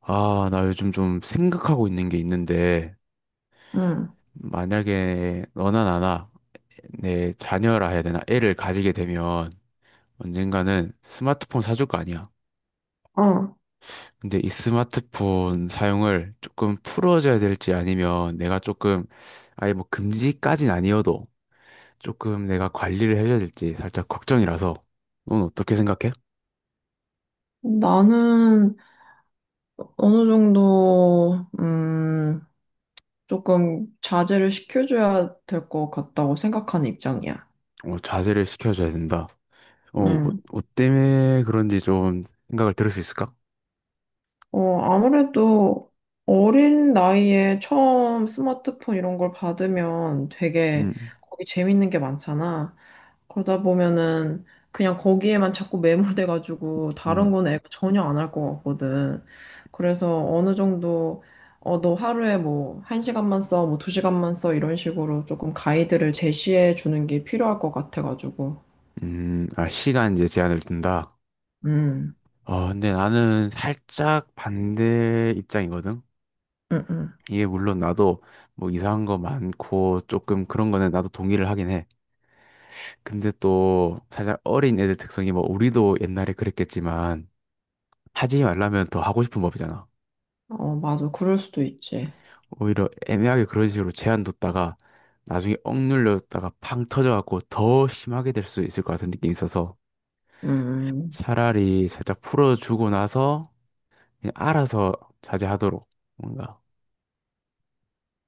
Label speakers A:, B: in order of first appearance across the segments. A: 아, 나 요즘 좀 생각하고 있는 게 있는데,
B: 응.
A: 만약에 너나 나나 내 자녀라 해야 되나? 애를 가지게 되면 언젠가는 스마트폰 사줄 거 아니야.
B: 아,
A: 근데 이 스마트폰 사용을 조금 풀어줘야 될지 아니면 내가 조금 아예 뭐 금지까진 아니어도 조금 내가 관리를 해줘야 될지 살짝 걱정이라서 넌 어떻게 생각해?
B: 나는 어느 정도, 조금 자제를 시켜줘야 될 것 같다고 생각하는 입장이야.
A: 어, 자제를 시켜줘야 된다. 어, 뭐,
B: 응.
A: 뭐 때문에 그런지 좀 생각을 들을 수 있을까?
B: 아무래도 어린 나이에 처음 스마트폰 이런 걸 받으면 되게
A: 음.
B: 거기 재밌는 게 많잖아. 그러다 보면은 그냥 거기에만 자꾸 매몰돼가지고 다른 건 애가 전혀 안 할 것 같거든. 그래서 어느 정도 너 하루에 뭐 한 시간만 써, 뭐 두 시간만 써 이런 식으로 조금 가이드를 제시해 주는 게 필요할 것 같아가지고.
A: 아, 시간 이제 제한을 둔다.
B: 음,
A: 어, 근데 나는 살짝 반대 입장이거든.
B: 음, 음.
A: 이게 물론 나도 뭐 이상한 거 많고 조금 그런 거는 나도 동의를 하긴 해. 근데 또 살짝 어린 애들 특성이 뭐 우리도 옛날에 그랬겠지만 하지 말라면 더 하고 싶은 법이잖아.
B: 어, 맞아. 그럴 수도 있지.
A: 오히려 애매하게 그런 식으로 제한 뒀다가 나중에 억눌렸다가 팡 터져갖고 더 심하게 될 수 있을 것 같은 느낌이 있어서
B: 음. 음.
A: 차라리 살짝 풀어주고 나서 그냥 알아서 자제하도록 뭔가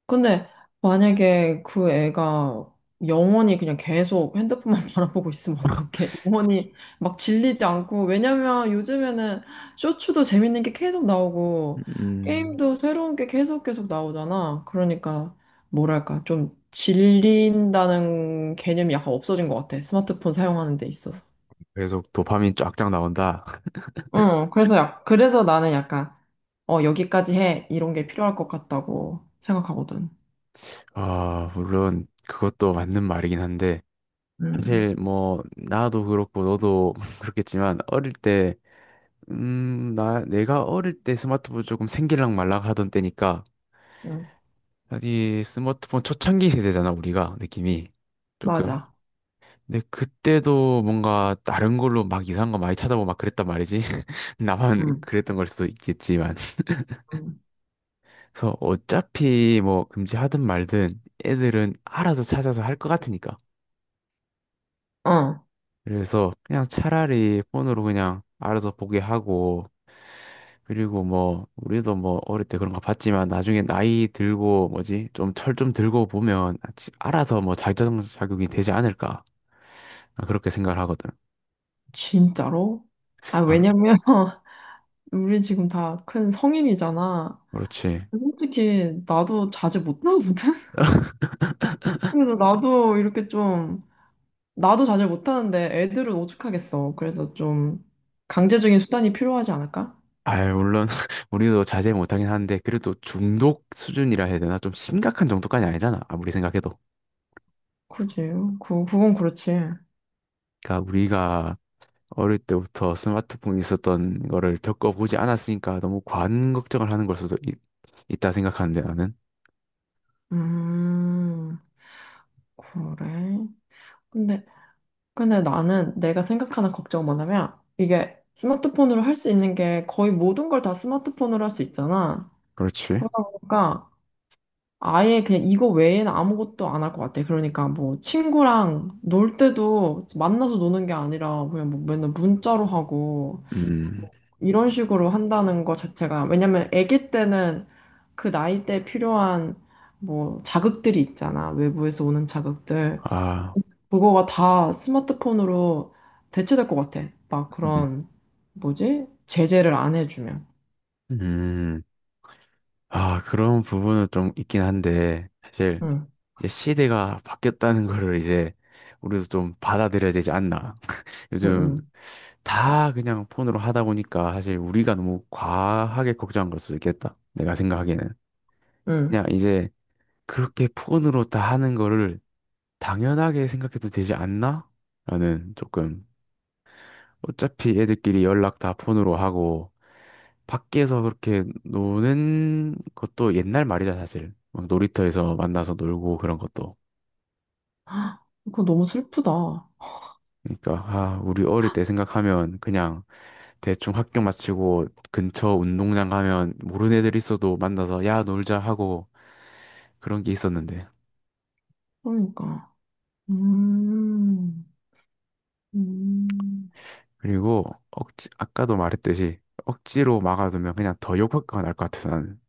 B: 근데 만약에 그 애가 영원히 그냥 계속 핸드폰만 바라보고 있으면 어떡해? 영원히 막 질리지 않고, 왜냐면 요즘에는 쇼츠도 재밌는 게 계속 나오고,
A: 음,
B: 게임도 새로운 게 계속 계속 나오잖아. 그러니까, 뭐랄까, 좀 질린다는 개념이 약간 없어진 것 같아. 스마트폰 사용하는 데 있어서.
A: 계속 도파민 쫙쫙 나온다.
B: 응, 그래서 나는 약간, 여기까지 해. 이런 게 필요할 것 같다고 생각하거든.
A: 아, 물론 그것도 맞는 말이긴 한데
B: 음,
A: 사실 뭐 나도 그렇고 너도 그렇겠지만 어릴 때 나 내가 어릴 때 스마트폰 조금 생길랑 말랑 하던 때니까
B: 음,
A: 이 스마트폰 초창기 세대잖아 우리가 느낌이 조금.
B: 맞아.
A: 근데 그때도 뭔가 다른 걸로 막 이상한 거 많이 찾아보고 막 그랬단 말이지. 나만
B: 음.
A: 그랬던 걸 수도 있겠지만. 그래서 어차피 뭐 금지하든 말든 애들은 알아서 찾아서 할 것 같으니까.
B: 어,
A: 그래서 그냥 차라리 폰으로 그냥 알아서 보게 하고, 그리고 뭐, 우리도 뭐 어릴 때 그런 거 봤지만 나중에 나이 들고 뭐지, 좀 철 좀 들고 보면 알아서 뭐 자격, 자격이 되지 않을까. 나 그렇게 생각을 하거든.
B: 진짜로? 아,
A: 아,
B: 왜냐면, 우리 지금 다 큰 성인이잖아.
A: 그렇지.
B: 솔직히, 나도 자제 못하거든? 그래서 나도 이렇게 좀, 나도 자제 못하는데 애들은 오죽하겠어. 그래서 좀, 강제적인 수단이 필요하지 않을까?
A: 아 물론 우리도 자제 못하긴 하는데 그래도 중독 수준이라 해야 되나? 좀 심각한 정도까지 아니잖아. 아무리 생각해도.
B: 그지. 그건 그렇지.
A: 그러니까 우리가 어릴 때부터 스마트폰이 있었던 거를 겪어보지 않았으니까 너무 과한 걱정을 하는 걸 수도 있다 생각하는데 나는.
B: 음, 그래. 근데, 근데 나는 내가 생각하는 걱정은 뭐냐면 이게 스마트폰으로 할 수 있는 게 거의 모든 걸 다 스마트폰으로 할 수 있잖아.
A: 그렇지.
B: 그러다 보니까 아예 그냥 이거 외에는 아무것도 안 할 것 같아. 그러니까 뭐 친구랑 놀 때도 만나서 노는 게 아니라 그냥 뭐 맨날 문자로 하고
A: 음.
B: 이런 식으로 한다는 거 자체가 왜냐면 아기 때는 그 나이 때 필요한 뭐 자극들이 있잖아. 외부에서 오는 자극들.
A: 아.
B: 그거가 다 스마트폰으로 대체될 것 같아. 막
A: 음.
B: 그런, 뭐지? 제재를 안 해주면.
A: 음. 아, 그런 부분은 좀 있긴 한데, 사실
B: 응,
A: 이제 시대가 바뀌었다는 거를 이제 우리도 좀 받아들여야 되지 않나.
B: 응,
A: 요즘
B: 응,
A: 다 그냥 폰으로 하다 보니까 사실 우리가 너무 과하게 걱정한 걸 수도 있겠다. 내가 생각하기에는.
B: 응.
A: 그냥 이제 그렇게 폰으로 다 하는 거를 당연하게 생각해도 되지 않나? 라는 조금 어차피 애들끼리 연락 다 폰으로 하고 밖에서 그렇게 노는 것도 옛날 말이다 사실. 막 놀이터에서 만나서 놀고 그런 것도.
B: 그거 너무 슬프다.
A: 그러니까 아, 우리 어릴 때 생각하면 그냥 대충 학교 마치고 근처 운동장 가면 모르는 애들 있어도 만나서 야 놀자 하고 그런 게 있었는데.
B: 그러니까. 음, 음,
A: 그리고 억지 아까도 말했듯이 억지로 막아두면 그냥 더 욕할 거날것 같아서 나는.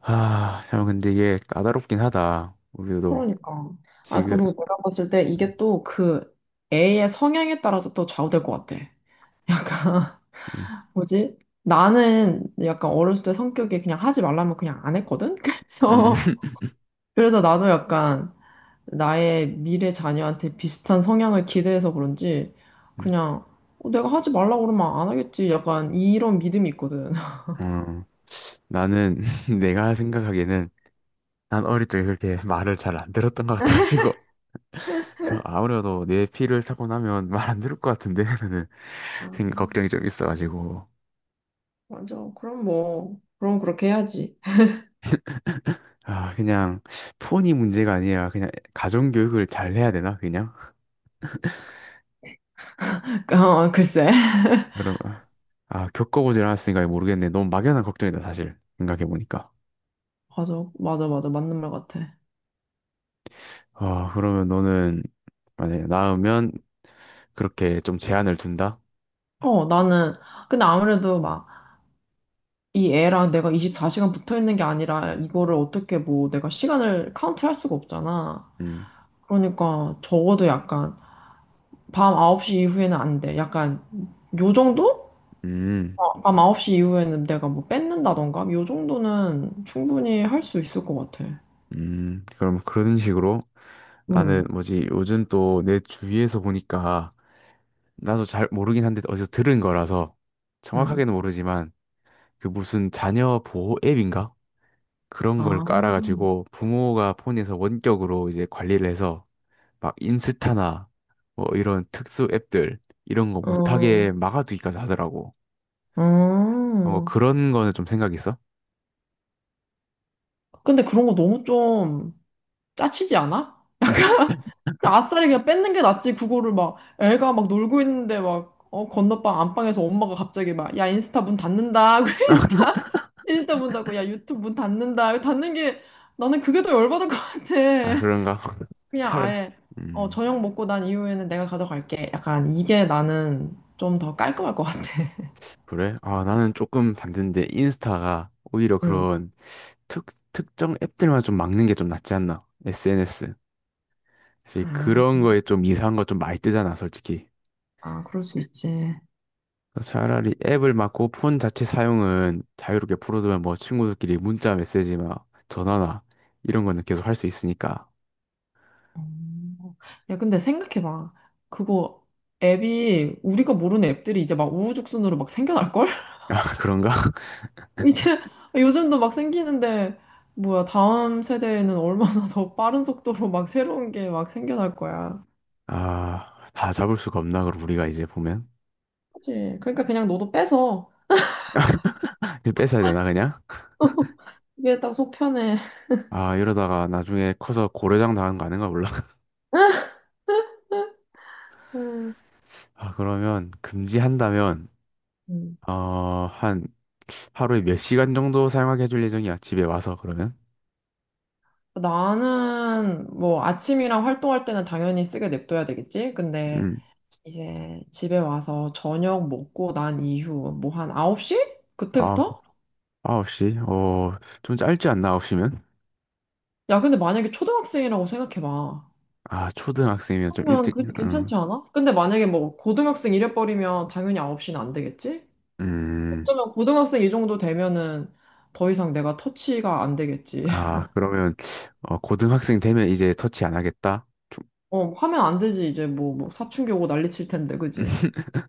A: 아, 형, 근데 이게 까다롭긴 하다. 우리도
B: 그러니까. 아,
A: 지금,
B: 그리고 내가 봤을 때 이게 또 그 애의 성향에 따라서 또 좌우될 것 같아. 약간,
A: 음.
B: 뭐지? 나는 약간 어렸을 때 성격이 그냥 하지 말라면 그냥 안 했거든?
A: 음.
B: 그래서 나도 약간, 나의 미래 자녀한테 비슷한 성향을 기대해서 그런지 그냥 내가 하지 말라고 그러면 안 하겠지. 약간 이런 믿음이 있거든.
A: 음, 나는 내가 생각하기에는 난 어릴 적에 그렇게 말을 잘 안 들었던 것 같아가지고, 그래서 아무래도 내 피를 타고 나면 말 안 들을 것 같은데, 라는
B: 아,
A: 생각, 걱정이 좀 있어가지고.
B: 맞아. 그럼 뭐, 그럼 그렇게 해야지.
A: 아, 그냥 톤이 문제가 아니라 그냥 가정교육을 잘 해야 되나, 그냥?
B: 글쎄.
A: 그럼, 아, 겪어보질 않았으니까 모르겠네. 너무 막연한 걱정이다, 사실. 생각해보니까.
B: 맞아. 맞아, 맞아. 맞는 말 같아.
A: 아, 그러면 너는 만약에 낳으면 그렇게 좀 제한을 둔다?
B: 나는, 근데 아무래도 막, 이 애랑 내가 24시간 붙어 있는 게 아니라, 이거를 어떻게 뭐, 내가 시간을 카운트 할 수가 없잖아.
A: 음.
B: 그러니까, 적어도 약간, 밤 9시 이후에는 안 돼. 약간, 요 정도?
A: 음.
B: 밤 9시 이후에는 내가 뭐 뺏는다던가? 요 정도는 충분히 할 수 있을 것 같아.
A: 음. 그럼 그런 식으로 나는
B: 응,
A: 뭐지 요즘 또 내 주위에서 보니까 나도 잘 모르긴 한데 어디서 들은 거라서
B: 응.
A: 정확하게는 모르지만 그 무슨 자녀 보호 앱인가? 그런
B: 아,
A: 걸 깔아가지고 부모가 폰에서 원격으로 이제 관리를 해서 막 인스타나 뭐 이런 특수 앱들 이런 거 못하게
B: 음,
A: 막아두기까지 하더라고. 뭐
B: 음.
A: 그런 거는 좀 생각 있어?
B: 근데 그런 거 너무 좀 짜치지 않아?
A: 음.
B: 그래, 아싸리 그냥 뺏는 게 낫지. 그거를 막 애가 막 놀고 있는데 막, 건너방 안방에서 엄마가 갑자기 막, 야, 인스타 문 닫는다. 그래, 인스타, 인스타 문 닫고, 야, 유튜브 문 닫는다. 닫는 게, 나는 그게 더 열받을 것 같아.
A: 아, 그런가?
B: 그냥
A: 차라리.
B: 아예
A: 음.
B: 저녁 먹고 난 이후에는 내가 가져갈게. 약간 이게 나는 좀 더 깔끔할 것 같아.
A: 그래? 아, 나는 조금 반대인데, 인스타가 오히려
B: 응.
A: 그런 특, 특정 앱들만 좀 막는 게 좀 낫지 않나? SNS. 사실
B: 아,
A: 그런 거에 좀 이상한 거 좀 많이 뜨잖아, 솔직히.
B: 아, 그럴 수 있지.
A: 그래서 차라리 앱을 막고 폰 자체 사용은 자유롭게 풀어두면 뭐 친구들끼리 문자 메시지 막 전화나 이런 거는 계속 할 수 있으니까.
B: 음. 야, 근데 생각해봐. 그거 앱이 우리가 모르는 앱들이 이제 막 우후죽순으로 막 생겨날걸?
A: 아, 그런가?
B: 이제 요즘도 막 생기는데 뭐야 다음 세대에는 얼마나 더 빠른 속도로 막 새로운 게 막 생겨날 거야.
A: 아, 다 잡을 수가 없나, 그럼 우리가 이제 보면?
B: 그치? 그러니까 그냥 너도 빼서
A: 이거 뺏어야 되나, 그냥?
B: 이게 딱 속편해.
A: 아, 이러다가 나중에 커서 고려장 당한 거 아닌가 몰라. 아, 그러면 금지한다면,
B: 음.
A: 어, 한 하루에 몇 시간 정도 사용하게 해줄 예정이야, 집에 와서 그러면?
B: 나는 뭐 아침이랑 활동할 때는 당연히 쓰게 냅둬야 되겠지? 근데
A: 음,
B: 이제 집에 와서 저녁 먹고 난 이후 뭐 한 9시?
A: 아,
B: 그때부터?
A: 9시? 어, 좀 짧지 않나, 9시면?
B: 야, 근데 만약에 초등학생이라고 생각해봐.
A: 아, 초등학생이면 좀
B: 그러면
A: 일찍,
B: 그래도
A: 음.
B: 괜찮지 않아? 근데 만약에 뭐 고등학생 이래버리면 당연히 9시는 안 되겠지?
A: 음.
B: 어쩌면 고등학생 이 정도 되면은 더 이상 내가 터치가 안 되겠지.
A: 아, 그러면, 어, 고등학생 되면 이제 터치 안 하겠다?
B: 어, 하면 안 되지. 이제 뭐 사춘기 오고 난리 칠 텐데, 그지?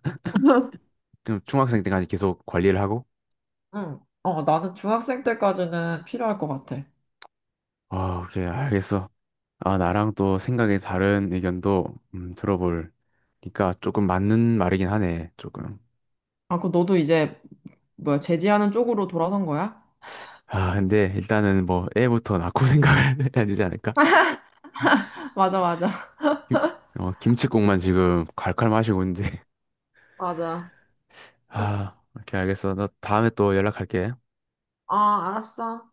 A: 그럼 중학생 때까지 계속 관리를 하고?
B: 응. 나는 중학생 때까지는 필요할 것 같아.
A: 아, 오케이, 알겠어. 아, 나랑 또 생각이 다른 의견도 들어볼니까 조금 맞는 말이긴 하네, 조금.
B: 아, 그 너도 이제 뭐야 제지하는 쪽으로 돌아선 거야?
A: 아, 근데 일단은 뭐 애부터 낳고 생각을 해야 되지 않을까?
B: 맞아, 맞아.
A: 김, 김칫국만 지금 콸콸 마시고 있는데.
B: 맞아.
A: 아, 오케이, 알겠어. 나 다음에 또 연락할게.
B: 아, 알았어.